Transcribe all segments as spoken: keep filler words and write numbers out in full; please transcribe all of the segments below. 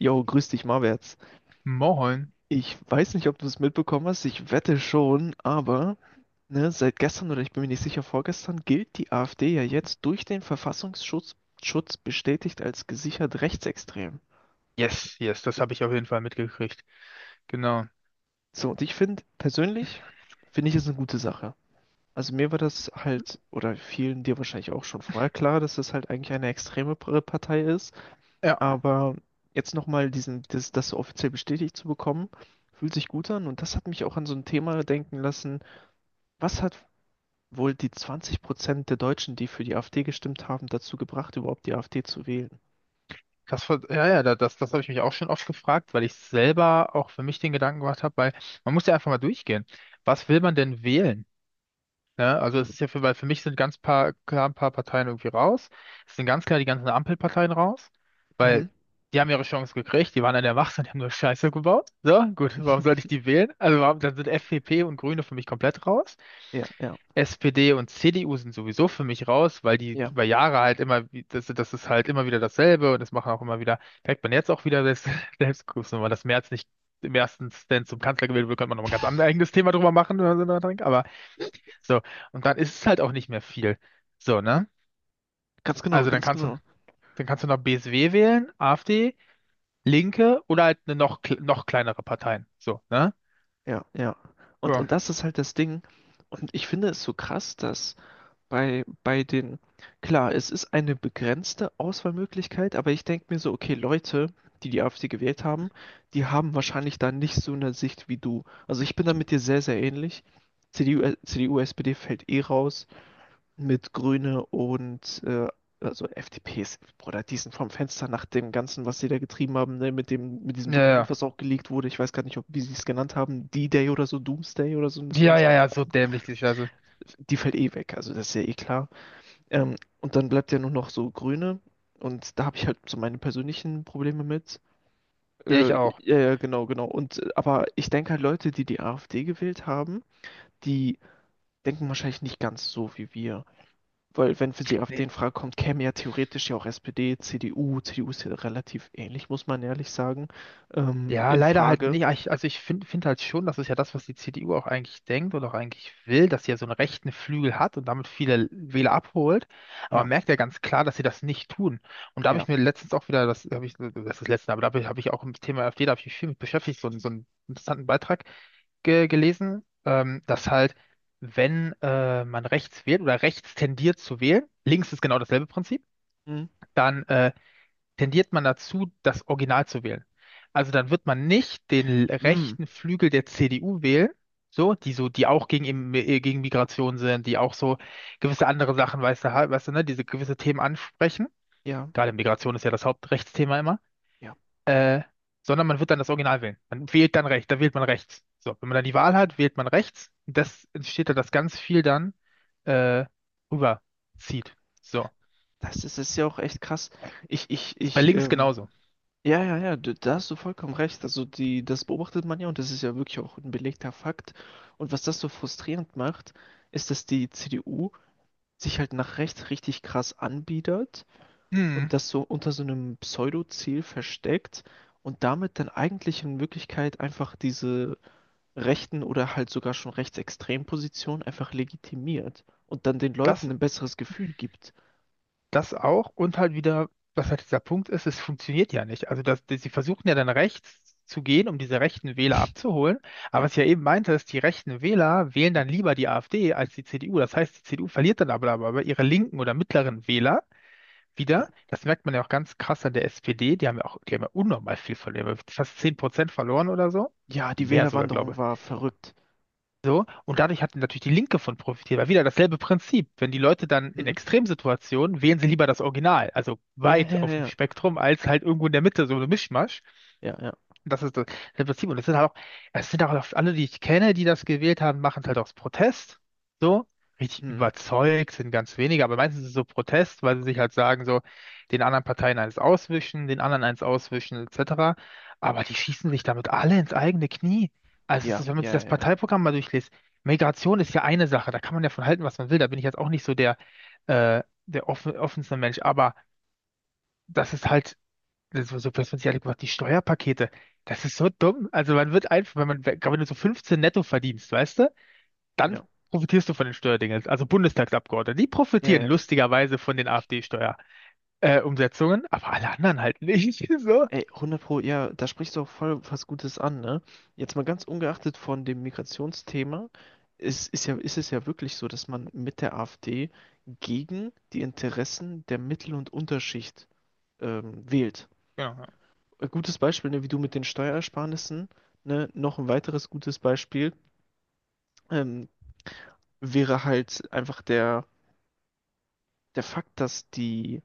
Jo, grüß dich, Marwärts. Moin. Ich weiß nicht, ob du es mitbekommen hast, ich wette schon, aber ne, seit gestern oder ich bin mir nicht sicher, vorgestern gilt die AfD ja jetzt durch den Verfassungsschutz Schutz bestätigt als gesichert rechtsextrem. Yes, yes, das habe ich auf jeden Fall mitgekriegt. Genau. So, und ich finde, persönlich finde ich es eine gute Sache. Also mir war das halt, oder vielen dir wahrscheinlich auch schon vorher klar, dass das halt eigentlich eine extreme P- Partei ist, Ja, aber jetzt nochmal diesen, das, das so offiziell bestätigt zu bekommen, fühlt sich gut an und das hat mich auch an so ein Thema denken lassen. Was hat wohl die zwanzig der Deutschen, die für die AfD gestimmt haben, dazu gebracht, überhaupt die AfD zu wählen? das, ver- ja, ja, da- das, das habe ich mich auch schon oft gefragt, weil ich selber auch für mich den Gedanken gemacht habe, weil man muss ja einfach mal durchgehen. Was will man denn wählen? Ne? Also es ist ja für, weil für mich sind ganz paar, klar ein paar Parteien irgendwie raus. Es sind ganz klar die ganzen Ampelparteien raus, weil Mhm. die haben ja ihre Chance gekriegt, die waren an der Macht und die haben nur Scheiße gebaut. So, gut, warum sollte ich die wählen? Also warum, dann sind F D P und Grüne für mich komplett raus. Ja, ja, S P D und C D U sind sowieso für mich raus, weil die ja. über Jahre halt immer, wie- das, das ist halt immer wieder dasselbe und das machen auch immer wieder, merkt man jetzt auch wieder, selbst, selbst gut, wenn man das Merz nicht im ersten Stand zum Kanzler gewählt wird, könnte man noch mal ein ganz anderes eigenes Thema drüber machen oder so, drüber denkt, aber so, und dann ist es halt auch nicht mehr viel. So, ne? Ganz genau, Also dann ganz kannst du, genau. dann kannst du noch B S W wählen, AfD, Linke oder halt eine noch, kle- noch kleinere Parteien. So, ne? Ja, ja. Und, Ja, und das ist halt das Ding. Und ich finde es so krass, dass bei, bei den, klar, es ist eine begrenzte Auswahlmöglichkeit, aber ich denke mir so, okay, Leute, die die AfD gewählt haben, die haben wahrscheinlich da nicht so eine Sicht wie du. Also ich bin da mit dir sehr, sehr ähnlich. C D U, äh, C D U, S P D fällt eh raus. Mit Grüne und äh, also F D P ist, Bruder, die sind vom Fenster nach dem Ganzen, was sie da getrieben haben, ne, mit dem, mit diesem ja, ja, Dokument, was auch geleakt wurde. Ich weiß gar nicht, ob, wie sie es genannt haben, D-Day oder so, Doomsday oder so, ein- so, ein- ja, so ja, ein ja, so Kram. dämlich, die Scheiße. Die fällt eh weg, also das ist ja eh klar. Ähm, und dann bleibt ja nur noch so Grüne und da habe ich halt so meine persönlichen Probleme mit. Ja, ich Äh, auch. Ja, ja, genau, genau. Und äh, aber ich denke halt, Leute, die die AfD gewählt haben, die denken wahrscheinlich nicht ganz so wie wir. Weil wenn für sie AfD in Frage kommt, käme ja theoretisch ja auch S P D, C D U, C D U ist ja relativ ähnlich, muss man ehrlich sagen, ähm, Ja, in leider halt Frage. nicht. Ah, Ich- Also ich finde find find halt schon, das ist ja das, was die C D U auch eigentlich denkt oder auch eigentlich will, dass sie ja so einen rechten Flügel hat und damit viele Wähler abholt. Aber man Ja, merkt ja ganz klar, dass sie das nicht tun. Und da habe ja. ich mir letztens auch wieder, das habe ich, das ist das letzte, aber da habe ich hab ich auch im Thema AfD, da habe ich mich viel mit beschäftigt, so, einen- so einen interessanten Beitrag ge gelesen, ähm, dass halt, wenn äh, man rechts wählt oder rechts tendiert zu wählen, links ist genau dasselbe Prinzip, Hm, dann äh, tendiert man dazu, das Original zu wählen. Also dann wird man nicht den hm, rechten Flügel der C D U wählen, so, die so, die auch gegen, Im- äh, gegen Migration sind, die auch so gewisse andere Sachen, weißt du, halt, weißt du, ne, diese gewisse Themen ansprechen. ja, Gerade Migration ist ja das Hauptrechtsthema immer. ja. Äh, sondern man wird dann das Original wählen. Man wählt dann rechts, da wählt man rechts. So, wenn man dann die Wahl hat, wählt man rechts. Und das entsteht da, dass ganz viel dann äh, rüberzieht. So. Das ist, ist ja auch echt krass. Ich, ich, Ist bei ich, links ähm, genauso. ja, ja, ja, d- da hast du vollkommen recht. Also die, das beobachtet man ja und das ist ja wirklich auch ein belegter Fakt. Und was das so frustrierend macht, ist, dass die C D U sich halt nach rechts richtig krass anbietet Hm, und das so unter so einem Pseudo-Ziel versteckt und damit dann eigentlich in Wirklichkeit einfach diese rechten oder halt sogar schon rechtsextremen Positionen einfach legitimiert und dann den das Leuten ein besseres Gefühl gibt. Das auch und halt wieder, was halt dieser Punkt ist, es funktioniert ja nicht. Also das, das, sie versuchen ja dann rechts zu gehen, um diese rechten Wähler abzuholen. Aber Ja, was ich ja eben meinte, ist, die rechten Wähler wählen ja, dann lieber die AfD als die C D U. Das heißt, die C D U verliert dann aber, aber ihre linken oder mittleren Wähler ja. wieder. Das merkt man ja auch ganz krass an der S P D. Die haben ja auch, die haben ja unnormal viel verloren. Die haben ja Fast zehn Prozent verloren oder so. Ja, Die die Mehr sogar, glaube Wählerwanderung war verrückt. so, und dadurch hat natürlich die Linke von profitiert, weil wieder dasselbe Prinzip. Wenn die Leute dann in Hm? Extremsituationen wählen sie lieber das Original, also Ja, weit ja, auf dem ja, Spektrum, als halt irgendwo in der Mitte so eine Mischmasch. ja, ja. Das ist das, das Prinzip. Und es sind halt auch, es sind auch alle, die ich kenne, die das gewählt haben, machen es halt aus Protest. So, richtig Hm. überzeugt sind ganz wenige, aber meistens ist es so Protest, weil sie sich halt sagen, so, den anderen Parteien eins auswischen, den anderen eins auswischen, et cetera. Aber die schießen sich damit alle ins eigene Knie. Also es ist, Ja, wenn man sich ja, das ja, ja, Parteiprogramm mal durchliest, Migration ist ja eine Sache, da kann man ja von halten, was man will. Da bin ich jetzt auch nicht so der, äh, der offen, offenste Mensch, aber das ist halt so, so dass man sich alle gemacht, die Steuerpakete, das ist so dumm. Also man wird einfach, wenn man, wenn du so fünfzehn netto verdienst, weißt du, dann ja, profitierst du von den Steuerdingen. Also Bundestagsabgeordnete, die ja, profitieren ja. lustigerweise von den afd Steuerumsetzungen äh, Umsetzungen, aber alle anderen halt nicht. So. Ey, hundert Pro, ja, da sprichst du auch voll was Gutes an, ne? Jetzt mal ganz ungeachtet von dem Migrationsthema, ist, ist ja, ist es ja wirklich so, dass man mit der AfD gegen die Interessen der Mittel- und Unterschicht ähm, wählt. Ja. Ja. Ein gutes Beispiel, ne, wie du mit den Steuerersparnissen, ne? Noch ein weiteres gutes Beispiel ähm, wäre halt einfach der, der Fakt, dass die,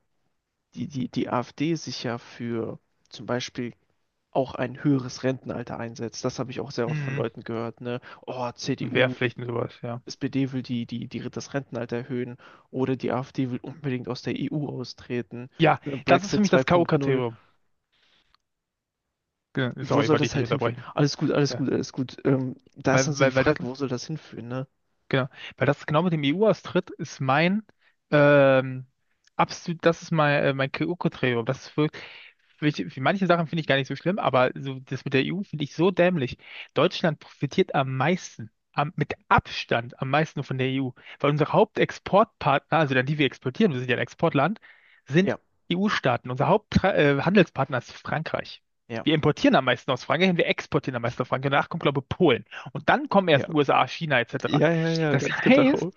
die, die, die AfD sich ja für zum Beispiel auch ein höheres Rentenalter einsetzt. Das habe ich auch sehr oft von Mhm. Leuten gehört, ne? Oh, Und C D U, Wehrpflichten sowas, ja. S P D will die, die, die, das Rentenalter erhöhen oder die AfD will unbedingt aus der E U austreten. Ja, Ne? das ist für Brexit mich das zwei punkt null. K O-Kriterium. Ge- Wo Sorry, soll wollte ich das nicht halt hinführen? unterbrechen. Alles gut, alles Ja. gut, alles gut. Ähm, da ist dann Weil, so die weil, weil das Frage, wo soll das hinführen, ne? Genau, weil das genau mit dem E U-Austritt ist mein ähm, absolut, das ist mein, äh, mein K O-Kriterium. Das ist wirklich, für, für manche Sachen finde ich gar nicht so schlimm, aber so das mit der E U finde ich so dämlich. Deutschland profitiert am meisten, am, mit Abstand am meisten von der E U, weil unsere Hauptexportpartner, also dann die wir exportieren, wir sind ja ein Exportland, sind Ja, E U-Staaten. Unser Haupthandelspartner äh, Handelspartner ist Frankreich. ja, Wir importieren am meisten aus Frankreich und wir exportieren am meisten aus Frankreich. Danach kommt, glaube ich, Polen. Und dann kommen ja. erst U S A, China et cetera. Ja, ja, ja, Das ganz heißt, genau.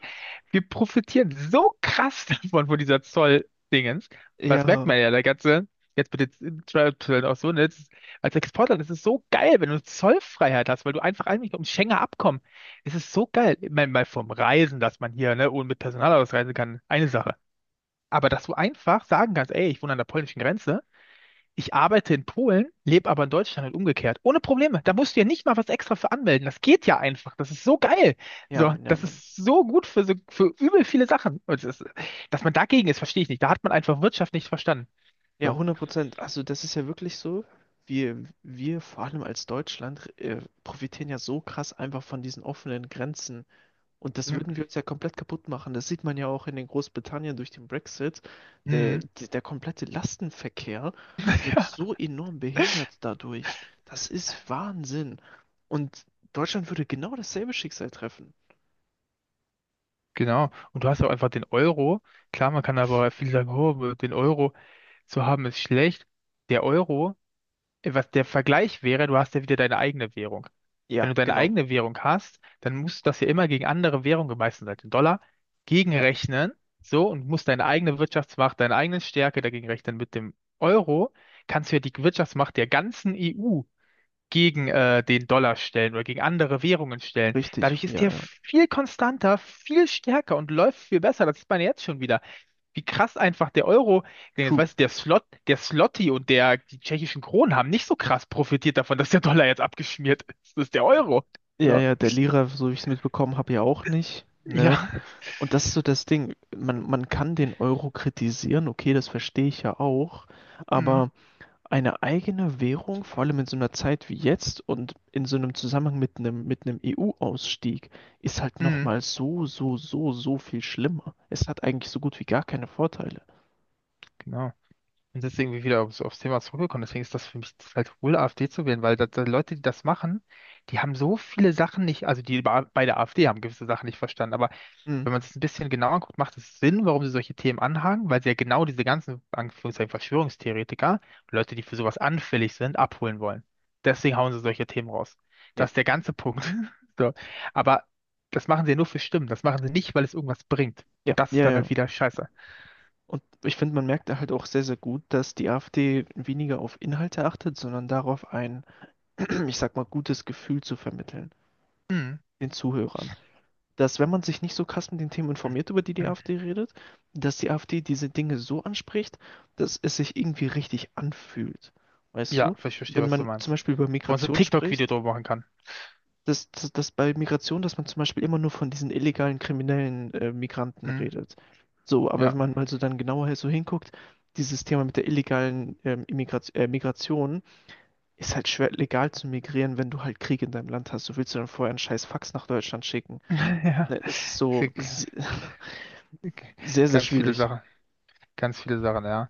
wir profitieren so krass davon, von dieser Zoll-Dingens. Was merkt Ja, man ja, der ganze, jetzt mit den Zollzöllen auch so, ne? Das ist, als Exportland das ist so geil, wenn du Zollfreiheit hast, weil du einfach eigentlich ums Schengener Abkommen. Es ist so geil. Ich meine, mal vom Reisen, dass man hier, ne, ohne mit Personalausweis reisen kann, eine Sache. Aber dass du einfach sagen kannst, ey, ich wohne an der polnischen Grenze ich arbeite in Polen, lebe aber in Deutschland und umgekehrt. Ohne Probleme. Da musst du ja nicht mal was extra für anmelden. Das geht ja einfach. Das ist so geil. ja, So, Mann, ja, das Mann. ist so gut für so, für übel viele Sachen. Und das, dass man dagegen ist, verstehe ich nicht. Da hat man einfach Wirtschaft nicht verstanden. Ja, So. hundert Prozent. Also das ist ja wirklich so. Wir, wir vor allem als Deutschland äh, profitieren ja so krass einfach von diesen offenen Grenzen. Und das Ja. würden wir uns ja komplett kaputt machen. Das sieht man ja auch in den Großbritannien durch den Brexit. Der, Hm. der, der komplette Lastenverkehr wird Ja, so enorm behindert dadurch. Das ist Wahnsinn. Und Deutschland würde genau dasselbe Schicksal treffen. genau. Und du hast auch einfach den Euro. Klar, man kann aber viele sagen, oh, den Euro zu haben ist schlecht. Der Euro, äh, was der Vergleich wäre, du hast ja wieder deine eigene Währung. Wenn Ja, du deine genau. eigene Währung hast, dann musst du das ja immer gegen andere Währungen, meistens halt den Dollar, Ja, gegenrechnen. So, und musst deine eigene Wirtschaftsmacht, deine eigene Stärke dagegen rechnen. Mit dem Euro kannst du ja die Wirtschaftsmacht der ganzen E U gegen äh, den Dollar stellen oder gegen andere Währungen stellen. richtig. Dadurch ist Ja, der ja. viel konstanter, viel stärker und läuft viel besser. Das sieht man jetzt schon wieder. Wie krass einfach der Euro, denn jetzt True. weißt du, der Slot, der Zloty und der, die tschechischen Kronen haben nicht so krass profitiert davon, dass der Dollar jetzt abgeschmiert ist. Das ist der Euro. Ja, So, ja, der Lira, so wie ich es mitbekommen habe, ja auch nicht. Ne? ja. Und das ist so das Ding. Man, man kann den Euro kritisieren, okay, das verstehe ich ja auch, Mhm. aber eine eigene Währung, vor allem in so einer Zeit wie jetzt und in so einem Zusammenhang mit einem, mit einem E U-Ausstieg, ist halt Mhm. nochmal so, so, so, so viel schlimmer. Es hat eigentlich so gut wie gar keine Vorteile. Genau. Und deswegen bin ich wieder aufs, aufs Thema zurückgekommen. Deswegen ist das für mich halt wohl, AfD zu wählen, weil da, da Leute, die das machen, die haben so viele Sachen nicht, also die bei bei der AfD haben gewisse Sachen nicht verstanden, aber Hm, wenn man es ein bisschen genauer guckt, macht es Sinn, warum sie solche Themen anhaken, weil sie ja genau diese ganzen, Anführungszeichen, Verschwörungstheoretiker, Leute, die für sowas anfällig sind, abholen wollen. Deswegen hauen sie solche Themen raus. ja, Das ist der ganze Punkt. So. Aber das machen sie ja nur für Stimmen. Das machen sie nicht, weil es irgendwas bringt. ja, Und das ist ja, dann ja. halt wieder scheiße. Und ich finde, man merkt da halt auch sehr, sehr gut, dass die AfD weniger auf Inhalte achtet, sondern darauf ein, ich sag mal, gutes Gefühl zu vermitteln, Hm. den Zuhörern. Dass wenn man sich nicht so krass mit den Themen informiert, über die die AfD redet, dass die AfD diese Dinge so anspricht, dass es sich irgendwie richtig anfühlt. Weißt Ja, du, ich verstehe, wenn was du man zum meinst. Beispiel über Wo man so ein Migration TikTok-Video spricht, drüber machen kann. dass, dass, dass bei Migration, dass man zum Beispiel immer nur von diesen illegalen kriminellen äh, Migranten Hm. redet. So, aber Ja. wenn man mal so dann genauer so hinguckt, dieses Thema mit der illegalen ähm, Immigrat- äh, Migration ist halt schwer legal zu migrieren, wenn du halt Krieg in deinem Land hast. Du willst du dann vorher einen scheiß Fax nach Deutschland schicken. Ja. Ne, das ist Es so. gibt Sehr, sehr Ganz viele schwierig. Sachen. Ganz viele Sachen, ja.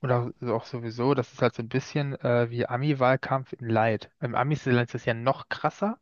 Und auch, also auch sowieso, das ist halt so ein bisschen äh, wie Ami-Wahlkampf in Light. Im Amis-Land ist das ja noch krasser.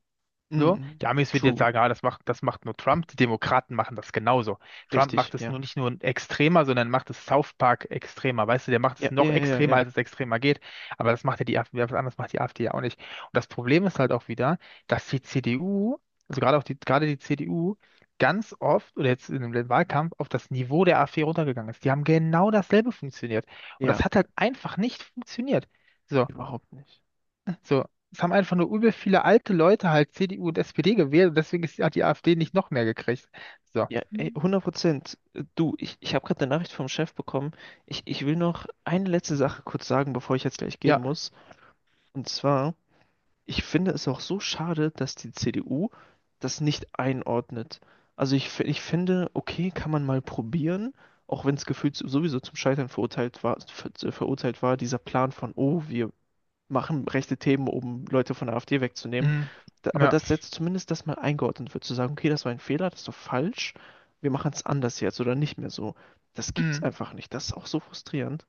So, Mhm. die Amis würden jetzt True. sagen, ah, das macht, das macht nur Trump. Die Demokraten machen das genauso. Trump Richtig, macht es ja. nur nicht nur extremer, sondern macht es South Park extremer. Weißt du, der macht es Ja, ja, noch ja, ja, extremer, ja. als es extremer geht. Aber das macht ja die AfD, was anderes macht die AfD ja auch nicht. Und das Problem ist halt auch wieder, dass die C D U, also gerade auch die, gerade die C D U, ganz oft oder jetzt in dem Wahlkampf auf das Niveau der AfD runtergegangen ist. Die haben genau dasselbe funktioniert. Und das Ja, hat halt einfach nicht funktioniert. So, überhaupt nicht. so, es haben einfach nur übel viele alte Leute halt C D U und S P D gewählt und deswegen ist, hat die AfD nicht noch mehr gekriegt. So, Ja, ey, Mhm. hundert Prozent. Du, ich, ich habe gerade eine Nachricht vom Chef bekommen. Ich, ich will noch eine letzte Sache kurz sagen, bevor ich jetzt gleich gehen Ja, muss. Und zwar, ich finde es auch so schade, dass die C D U das nicht einordnet. Also ich, fi- ich finde, okay, kann man mal probieren, auch wenn es gefühlt sowieso zum Scheitern verurteilt war, ver, verurteilt war, dieser Plan von, oh, wir machen rechte Themen, um Leute von der AfD wegzunehmen. mm, Da, aber ja, das setzt zumindest das mal eingeordnet wird, zu sagen, okay, das war ein Fehler, das ist doch falsch, wir machen es anders jetzt oder nicht mehr so. Das gibt's mm, einfach nicht. Das ist auch so frustrierend.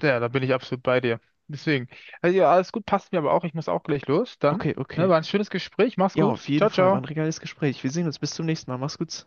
ja, da bin ich absolut bei dir. Deswegen, also ja, alles gut, passt mir aber auch. Ich muss auch gleich los. Dann, Okay, ne, okay. war ein schönes Gespräch. Mach's Ja, gut. auf jeden Ciao, Fall war ciao. ein regales Gespräch. Wir sehen uns. Bis zum nächsten Mal. Mach's gut.